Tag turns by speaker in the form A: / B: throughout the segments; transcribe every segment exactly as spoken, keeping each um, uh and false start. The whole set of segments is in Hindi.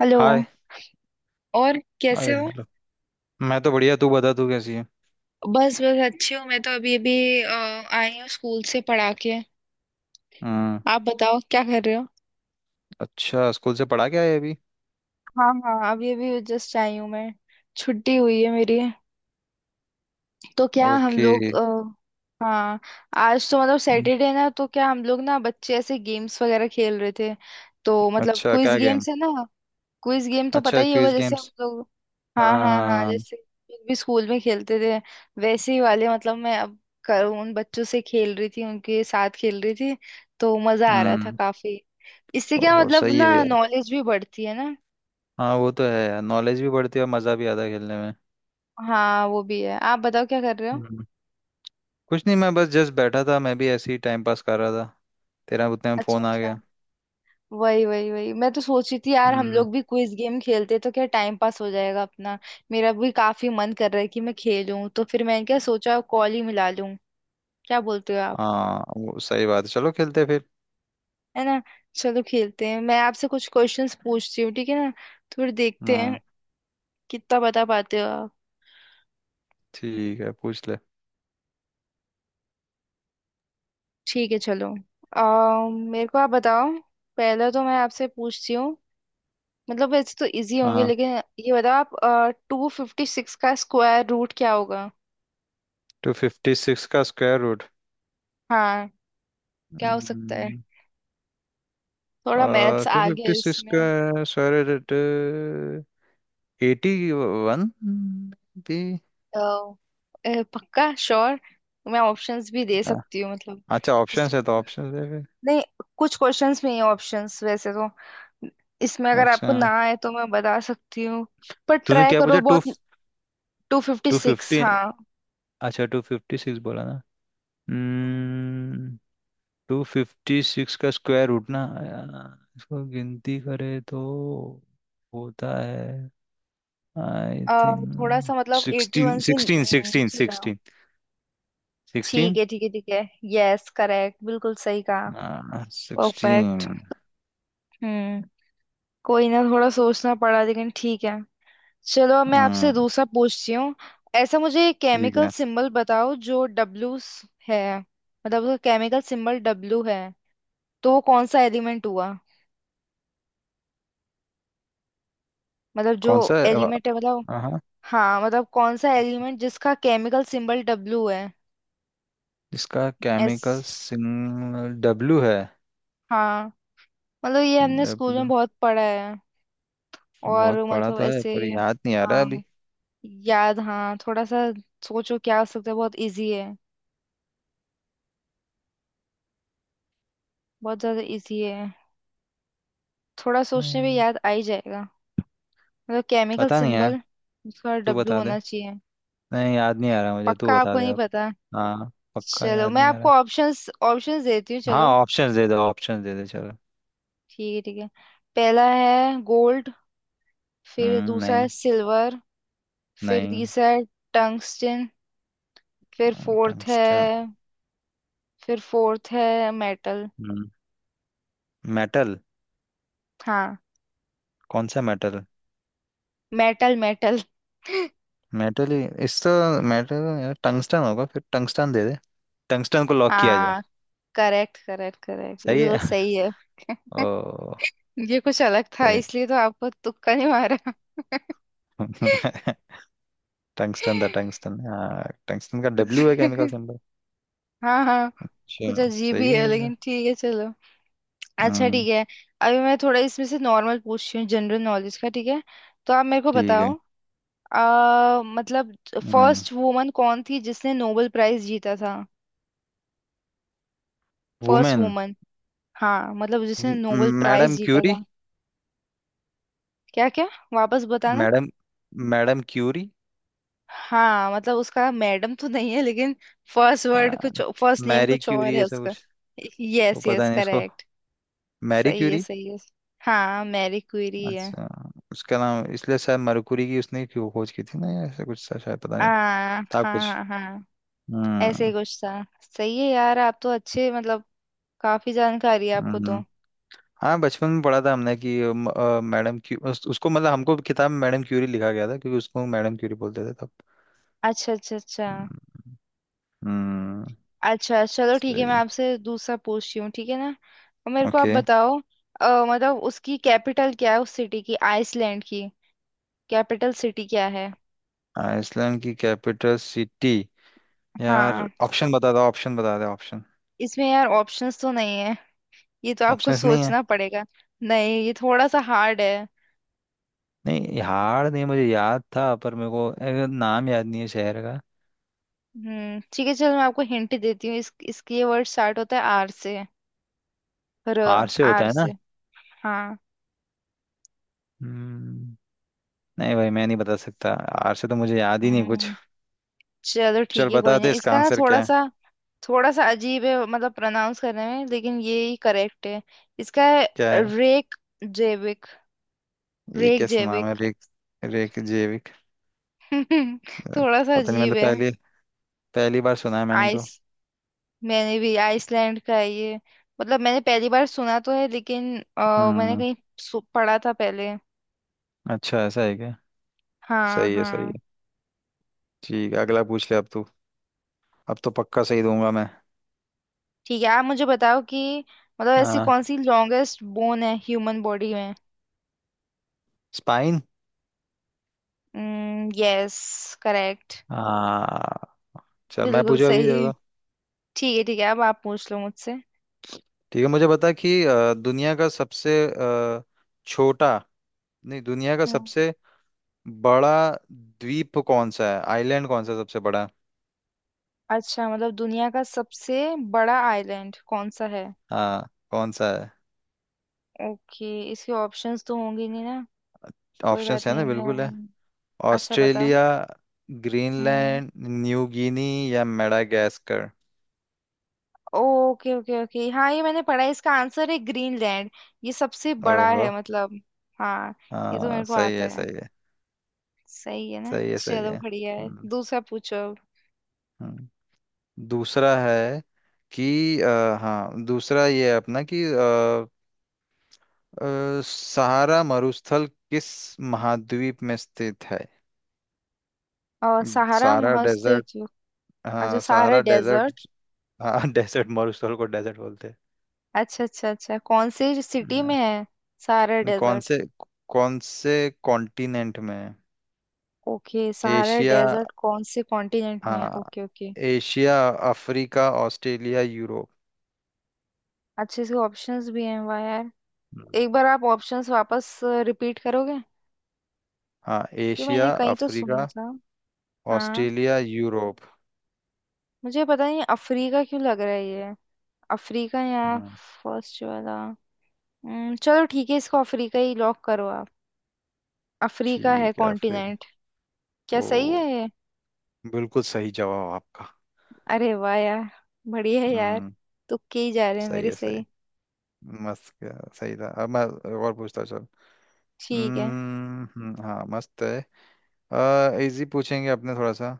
A: हेलो।
B: हाय।
A: और कैसे
B: अरे
A: हो?
B: हेलो। मैं तो बढ़िया, तू बता तू कैसी है?
A: बस बस अच्छी हूँ, मैं तो अभी अभी अ, आई हूँ स्कूल से पढ़ा के।
B: हम्म।
A: आप बताओ, क्या कर रहे हो?
B: अच्छा, स्कूल से पढ़ा क्या है अभी?
A: हाँ हाँ, अभी अभी जस्ट आई हूँ मैं। छुट्टी हुई है मेरी। तो क्या हम
B: ओके।
A: लोग अ, हाँ, आज तो मतलब
B: हम्म।
A: सैटरडे ना, तो क्या हम लोग ना बच्चे ऐसे गेम्स वगैरह खेल रहे थे। तो मतलब
B: अच्छा,
A: क्विज
B: क्या गेम?
A: गेम्स है ना। क्विज गेम तो पता
B: अच्छा,
A: ही होगा,
B: क्विज
A: जैसे हम
B: गेम्स।
A: लोग।
B: हाँ
A: हाँ हाँ हाँ,
B: हाँ।
A: जैसे हम लोग भी स्कूल में खेलते थे। वैसे ही वाले, मतलब मैं अब कर, उन बच्चों से खेल रही थी, उनके साथ खेल रही थी। तो मजा आ रहा था
B: हम्म।
A: काफी। इससे क्या
B: ओहो,
A: मतलब
B: सही है
A: ना,
B: यार।
A: नॉलेज भी बढ़ती है ना।
B: हाँ, वो तो है यार। नॉलेज भी बढ़ती है और मज़ा भी आता है खेलने में।
A: हाँ वो भी है। आप बताओ, क्या कर रहे हो?
B: हम्म। कुछ नहीं, मैं बस जस्ट बैठा था। मैं भी ऐसे ही टाइम पास कर रहा था। तेरा उतने में
A: अच्छा
B: फोन आ
A: अच्छा।
B: गया।
A: वही वही वही, मैं तो सोच रही थी यार हम
B: हम्म।
A: लोग भी क्विज गेम खेलते तो क्या टाइम पास हो जाएगा अपना। मेरा भी काफी मन कर रहा है कि मैं खेलूं, तो फिर मैंने क्या सोचा कॉल ही मिला लूं। क्या बोलते हो आप?
B: हाँ, वो सही बात है। चलो खेलते हैं फिर।
A: है ना। चलो खेलते हैं। मैं आपसे कुछ क्वेश्चंस पूछती हूँ, ठीक है ना, तो फिर देखते हैं
B: हाँ।
A: कितना बता पाते हो आप।
B: ठीक है, पूछ ले।
A: ठीक है चलो। आ, मेरे को आप बताओ। पहला तो मैं आपसे पूछती हूँ, मतलब वैसे तो इजी होंगे,
B: हाँ।
A: लेकिन ये बताओ आप, टू फिफ्टी सिक्स का स्क्वायर रूट क्या होगा?
B: टू फिफ्टी सिक्स का स्क्वायर रूट?
A: हाँ। क्या हो सकता है?
B: हम्म।
A: थोड़ा मैथ्स
B: टू
A: आ गया
B: फिफ्टी सिक्स का,
A: इसमें।
B: सर। Eighty one. भी।
A: तो अ, पक्का श्योर? मैं ऑप्शंस भी दे
B: हाँ।
A: सकती हूँ मतलब।
B: अच्छा, ऑप्शन है तो ऑप्शन है फिर।
A: नहीं, कुछ क्वेश्चंस में ही ऑप्शंस वैसे तो। इसमें अगर
B: अच्छा।
A: आपको ना आए तो मैं बता सकती हूँ, पर
B: तूने
A: ट्राई
B: क्या
A: करो
B: पूछा? टू?
A: बहुत। Two fifty
B: two
A: six
B: fifty
A: हाँ।
B: अच्छा, टू फिफ्टी सिक्स बोला ना। हम्म। टू फिफ्टी सिक्स का स्क्वायर रूट ना। अ, इसको गिनती करे तो होता है। आई
A: अ, थोड़ा सा
B: थिंक
A: मतलब एटी
B: सिक्सटीन
A: वन से
B: सिक्सटीन सिक्सटीन
A: नीचे जाओ।
B: सिक्सटीन
A: ठीक
B: सिक्सटीन।
A: है ठीक है ठीक है। यस करेक्ट, बिल्कुल सही कहा।
B: हाँ,
A: परफेक्ट।
B: सिक्सटीन।
A: हम्म। कोई ना, थोड़ा सोचना पड़ा लेकिन ठीक है। चलो मैं आपसे
B: हम्म,
A: दूसरा पूछती हूँ। ऐसा मुझे
B: ठीक
A: केमिकल
B: है।
A: सिंबल बताओ जो डब्लू है, मतलब उसका केमिकल सिंबल डब्लू है, तो वो कौन सा एलिमेंट हुआ? मतलब जो
B: कौन सा है? अ,
A: एलिमेंट है मतलब।
B: हाँ।
A: हाँ मतलब कौन सा एलिमेंट जिसका केमिकल सिंबल डब्लू है।
B: इसका
A: एस।
B: केमिकल सिग्नल डब्लू है।
A: हाँ मतलब ये हमने स्कूल में
B: डब्लू।
A: बहुत पढ़ा है,
B: बहुत
A: और
B: पढ़ा
A: मतलब
B: तो है,
A: ऐसे।
B: पर याद नहीं आ रहा
A: हाँ,
B: अभी।
A: याद हाँ थोड़ा सा। सोचो क्या हो सकता है, बहुत इजी है, बहुत ज्यादा इजी है। थोड़ा सोचने पे
B: हम्म।
A: याद आ ही जाएगा। मतलब केमिकल
B: पता नहीं यार।
A: सिंबल उसका
B: तू
A: डब्लू
B: बता दे।
A: होना चाहिए।
B: नहीं, याद नहीं आ रहा मुझे, तू
A: पक्का
B: बता
A: आपको
B: दे
A: नहीं
B: अब।
A: पता?
B: हाँ, पक्का
A: चलो
B: याद
A: मैं
B: नहीं आ
A: आपको
B: रहा।
A: ऑप्शंस ऑप्शंस देती हूँ
B: हाँ,
A: चलो।
B: ऑप्शंस दे दो, ऑप्शंस दे दे चलो।
A: ठीक है ठीक है। पहला है गोल्ड। फिर
B: हम्म,
A: दूसरा
B: नहीं।
A: है सिल्वर। फिर
B: नहीं।
A: तीसरा है टंगस्टन। फिर फोर्थ है
B: टंगस्टन।
A: फिर फोर्थ है मेटल।
B: हम्म। मेटल।
A: हाँ।
B: कौन सा मेटल?
A: Metal metal.
B: मेटल ही इस तो। मेटल यार, टंगस्टन होगा फिर, टंगस्टन दे दे। टंगस्टन को लॉक किया जाए।
A: हाँ करेक्ट करेक्ट करेक्ट,
B: सही
A: बिल्कुल
B: है।
A: सही है।
B: ओ।
A: ये कुछ अलग था इसलिए तो आपको तुक्का नहीं मारा।
B: टंगस्टन था, टंगस्टन, हाँ। टंगस्टन का डब्ल्यू है केमिकल सिंबल।
A: हाँ हाँ,
B: अच्छा,
A: कुछ अजीब
B: सही
A: ही
B: है
A: है
B: फिर तो।
A: लेकिन ठीक है चलो। अच्छा
B: हम्म।
A: ठीक है। अभी मैं थोड़ा इसमें से नॉर्मल पूछती हूँ, जनरल नॉलेज का, ठीक है। तो आप मेरे को
B: ठीक
A: बताओ।
B: है।
A: आ, मतलब
B: हम्म।
A: फर्स्ट वुमन कौन थी जिसने नोबेल प्राइज जीता था? First
B: women?
A: वुमन। हाँ मतलब जिसने नोबेल प्राइज
B: मैडम
A: जीता
B: क्यूरी।
A: था। क्या क्या, वापस बताना।
B: मैडम। Madam Curie.
A: हाँ मतलब उसका मैडम तो नहीं है, लेकिन फर्स्ट वर्ड
B: आ,
A: कुछ, फर्स्ट नेम
B: मैरी
A: कुछ और
B: क्यूरी
A: है
B: ऐसा
A: उसका।
B: कुछ। वो
A: यस यस
B: पता नहीं उसको।
A: करेक्ट।
B: मैरी
A: सही है
B: क्यूरी।
A: सही है। हाँ मैरी क्यूरी है।
B: अच्छा। उसका नाम इसलिए शायद, मरकुरी की उसने क्यों खोज की थी ना, या ऐसा कुछ था शायद, पता
A: आ,
B: नहीं।
A: हाँ
B: था कुछ।
A: हाँ हाँ, ऐसे ही
B: हम्म।
A: कुछ था। सही है यार, आप तो अच्छे, मतलब काफी जानकारी है आपको तो।
B: हम्म। हाँ, बचपन में पढ़ा था हमने कि अम, अ, मैडम क्यू उस, उसको मतलब हमको किताब में मैडम क्यूरी लिखा गया था क्योंकि उसको मैडम क्यूरी बोलते थे तब।
A: अच्छा अच्छा अच्छा।
B: हम्म। हम्म।
A: अच्छा चलो ठीक है, मैं
B: सही।
A: आपसे दूसरा पूछती हूँ ठीक है ना। और मेरे को आप
B: ओके।
A: बताओ, अ, मतलब उसकी कैपिटल क्या है, उस सिटी की, आइसलैंड की कैपिटल सिटी क्या है?
B: आइसलैंड की कैपिटल सिटी? यार,
A: हाँ,
B: ऑप्शन बता दो, ऑप्शन बता दो, ऑप्शन।
A: इसमें यार ऑप्शंस तो नहीं है, ये तो आपको
B: ऑप्शंस नहीं है?
A: सोचना पड़ेगा। नहीं ये थोड़ा सा हार्ड है।
B: नहीं, हार नहीं, मुझे याद था पर मेरे को ए, नाम याद नहीं है शहर का।
A: हम्म ठीक है चलो मैं आपको हिंट देती हूँ, इस इसकी ये वर्ड स्टार्ट होता है आर से। र।
B: हार से होता
A: आर
B: है ना?
A: से। हाँ।
B: हम्म। नहीं भाई, मैं नहीं बता सकता। हार से तो मुझे याद ही नहीं कुछ।
A: हम्म। चलो
B: चल
A: ठीक है
B: बता
A: कोई
B: दे
A: नहीं,
B: इसका
A: इसका ना
B: आंसर
A: थोड़ा
B: क्या है।
A: सा, थोड़ा सा अजीब है मतलब प्रोनाउंस करने में, लेकिन ये ही करेक्ट है। इसका है
B: क्या है?
A: रेक जेविक।
B: ये
A: रेक
B: कैसा नाम है,
A: जेविक।
B: रेक? रेक। अ,
A: थोड़ा सा
B: पता नहीं,
A: अजीब
B: मैंने तो
A: है।
B: पहली पहली बार सुना है मैंने तो।
A: आइस, मैंने भी आइसलैंड का है ये, मतलब मैंने पहली बार सुना तो है लेकिन अ, मैंने
B: हम्म।
A: कहीं सु- पढ़ा था पहले।
B: अच्छा, ऐसा है क्या?
A: हाँ
B: सही है, सही
A: हाँ।
B: है। ठीक है, अगला पूछ ले अब तू। अब तो पक्का सही दूंगा मैं।
A: ठीक है आप मुझे बताओ कि मतलब ऐसी
B: हाँ।
A: कौन सी लॉन्गेस्ट बोन है ह्यूमन बॉडी में?
B: स्पाइन।
A: यस करेक्ट,
B: हाँ। चल, मैं
A: बिल्कुल
B: पूछा अभी
A: सही।
B: देखो।
A: ठीक है ठीक है, अब आप पूछ लो मुझसे।
B: ठीक है, मुझे बता कि अ, दुनिया का सबसे अ, छोटा, नहीं, दुनिया का
A: हम्म।
B: सबसे बड़ा द्वीप कौन सा है? आइलैंड कौन सा सबसे बड़ा है?
A: अच्छा मतलब दुनिया का सबसे बड़ा आइलैंड कौन सा है।
B: हाँ, कौन सा है?
A: ओके, इसके ऑप्शंस तो होंगे नहीं ना, कोई
B: ऑप्शंस
A: बात
B: है
A: नहीं
B: ना, बिल्कुल
A: मैं।
B: है।
A: अच्छा बताओ।
B: ऑस्ट्रेलिया,
A: हम्म।
B: ग्रीनलैंड, न्यू गिनी या मेडागास्कर।
A: ओके ओके ओके, हाँ ये मैंने पढ़ा है, इसका आंसर है ग्रीनलैंड। ये सबसे बड़ा
B: ओहो।
A: है मतलब। हाँ। ये तो
B: हाँ,
A: मेरे को
B: सही
A: आता
B: है,
A: है।
B: सही है।
A: सही है ना,
B: सही है, सही
A: चलो
B: है।
A: बढ़िया है।
B: हम्म।
A: दूसरा पूछो अब।
B: हम्म। दूसरा है कि अ, हाँ, दूसरा ये है अपना कि अ, अ, सहारा मरुस्थल किस महाद्वीप में स्थित है?
A: और सहारा
B: सहारा डेजर्ट।
A: महासागरीय। अच्छा
B: हाँ,
A: सहारा
B: सहारा डेजर्ट।
A: डेजर्ट।
B: हाँ। डेजर्ट, मरुस्थल को डेजर्ट बोलते हैं।
A: अच्छा अच्छा अच्छा, कौन से सिटी
B: हाँ।
A: में है सहारा
B: नहीं, कौन
A: डेजर्ट?
B: से, कौन से कॉन्टिनेंट में है?
A: ओके सहारा
B: एशिया,
A: डेजर्ट कौन से कॉन्टिनेंट में है,
B: हाँ,
A: okay okay.
B: Asia, Africa, Australia, Europe.
A: अच्छे से ऑप्शंस भी हैं, वाह यार। एक बार आप ऑप्शंस वापस रिपीट करोगे?
B: हाँ,
A: ये मैंने
B: एशिया,
A: कहीं तो सुना
B: अफ्रीका,
A: था। हाँ।
B: Australia, Europe.
A: मुझे पता नहीं अफ्रीका क्यों लग रहा है ये। अफ्रीका या
B: हम्म।
A: फर्स्ट वाला। हम्म, चलो ठीक है इसको अफ्रीका ही लॉक करो आप। अफ्रीका है
B: ठीक है फिर।
A: कॉन्टिनेंट। क्या
B: ओ,
A: सही है ये?
B: बिल्कुल सही जवाब आपका।
A: अरे वाह यार, बढ़िया है यार।
B: हम्म।
A: तुक्के ही जा रहे हैं
B: सही
A: मेरे
B: है,
A: सही।
B: सही। मस्त, क्या सही था। अब मैं और पूछता हूँ, चल।
A: ठीक है।
B: हम्म, हम्म, हाँ, मस्त है। आ, इजी पूछेंगे अपने थोड़ा सा।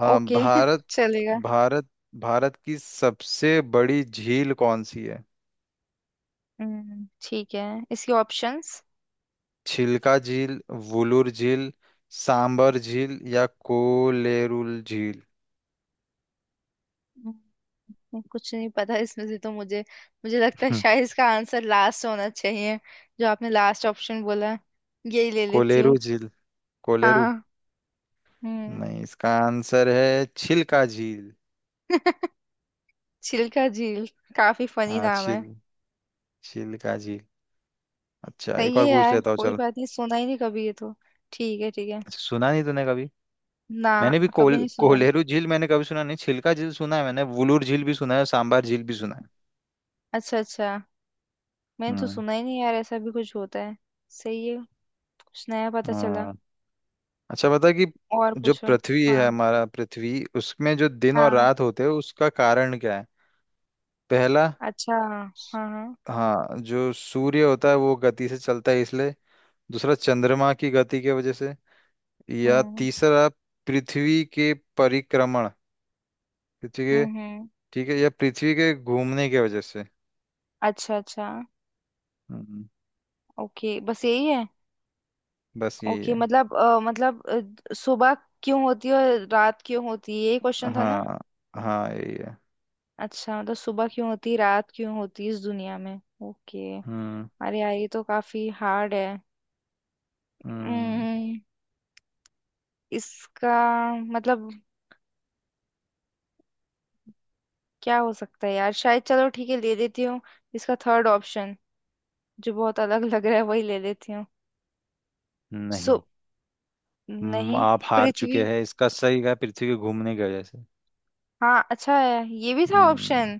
B: आ,
A: ओके
B: भारत।
A: चलेगा।
B: भारत। भारत की सबसे बड़ी झील कौन सी है?
A: हम्म। ठीक है इसके ऑप्शंस।
B: छिलका झील, वुलूर झील, सांबर झील या कोलेरुल झील।
A: हम्म, कुछ नहीं पता इसमें से तो मुझे। मुझे लगता है
B: हम्म।
A: शायद इसका आंसर लास्ट होना चाहिए। जो आपने लास्ट ऑप्शन बोला है, यही ले लेती
B: कोलेरू
A: हूँ।
B: झील। कोलेरू।
A: हाँ। हम्म।
B: नहीं, इसका आंसर है छिलका झील।
A: चिल्का झील, काफी फनी
B: हाँ,
A: नाम है।
B: छिल छिलका झील। अच्छा,
A: सही
B: एक
A: है
B: और पूछ
A: यार
B: लेता हूँ
A: कोई
B: चल।
A: बात नहीं, सुना ही नहीं कभी ये तो। ठीक है ठीक है
B: अच्छा, सुना नहीं तूने कभी?
A: ना।
B: मैंने भी
A: कभी
B: कोल
A: नहीं सुना।
B: कोलेरू झील मैंने कभी सुना नहीं। छिलका झील सुना है मैंने, वुलूर झील भी सुना है, सांबार झील भी सुना है।
A: अच्छा अच्छा। मैंने तो
B: हम्म।
A: सुना ही नहीं यार ऐसा भी कुछ होता है। सही है, कुछ नया पता चला।
B: हाँ। अच्छा, बता कि
A: और
B: जो
A: पूछो।
B: पृथ्वी है
A: हाँ।
B: हमारा पृथ्वी, उसमें जो दिन और
A: हाँ।
B: रात होते हैं उसका कारण क्या है? पहला,
A: अच्छा।
B: स-
A: हाँ हाँ।
B: हाँ, जो सूर्य होता है वो गति से चलता है इसलिए। दूसरा, चंद्रमा की गति की वजह से। या
A: हम्म
B: तीसरा, पृथ्वी के परिक्रमण, पृथ्वी के,
A: हम्म। हम्म।
B: ठीक है, या पृथ्वी के घूमने की वजह से।
A: अच्छा अच्छा।
B: हम्म।
A: ओके बस यही है।
B: बस यही
A: ओके
B: है।
A: मतलब अ, मतलब अ, सुबह क्यों होती है और रात क्यों होती है, यही क्वेश्चन था ना?
B: हाँ, हाँ यही है।
A: अच्छा मतलब सुबह क्यों होती है रात क्यों होती है इस दुनिया में, ओके।
B: हम्म।
A: अरे यार ये तो काफी हार्ड है।
B: हम्म।
A: हम्म, इसका मतलब क्या हो सकता है यार, शायद चलो ठीक है ले लेती हूँ इसका थर्ड ऑप्शन, जो बहुत अलग लग रहा है वही ले लेती हूँ। सो।
B: नहीं। हम्म,
A: नहीं।
B: आप हार चुके
A: पृथ्वी।
B: हैं। इसका सही है पृथ्वी के घूमने की वजह से।
A: हाँ अच्छा है, ये भी था
B: हम्म।
A: ऑप्शन।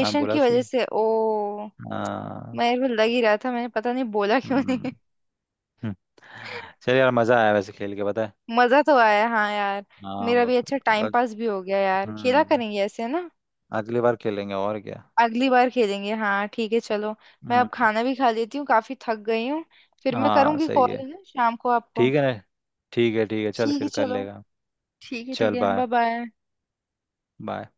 B: हाँ, बोला
A: की वजह
B: सही।
A: से, ओ।
B: हाँ।
A: मैं यार वो लग ही रहा था, मैंने पता नहीं बोला क्यों
B: हम्म।
A: नहीं।
B: हम्म। चलिए यार, मजा आया वैसे खेल के, पता है।
A: मजा तो आया हाँ यार।
B: हाँ,
A: मेरा
B: बहुत।
A: भी अच्छा टाइम
B: बहुत-
A: पास भी हो गया, यार खेला
B: हम्म।
A: करेंगे ऐसे ना।
B: अगली बार खेलेंगे और क्या।
A: अगली बार खेलेंगे हाँ, ठीक है चलो। मैं अब
B: हम्म।
A: खाना भी खा लेती हूँ, काफी थक गई हूँ। फिर मैं
B: हाँ,
A: करूँगी
B: सही
A: कॉल
B: है।
A: है ना शाम को आपको।
B: ठीक है ना। ठीक है, ठीक है, चल
A: ठीक है
B: फिर कर
A: चलो।
B: लेगा।
A: ठीक है ठीक
B: चल
A: है,
B: बाय।
A: Bye bye.
B: बाय।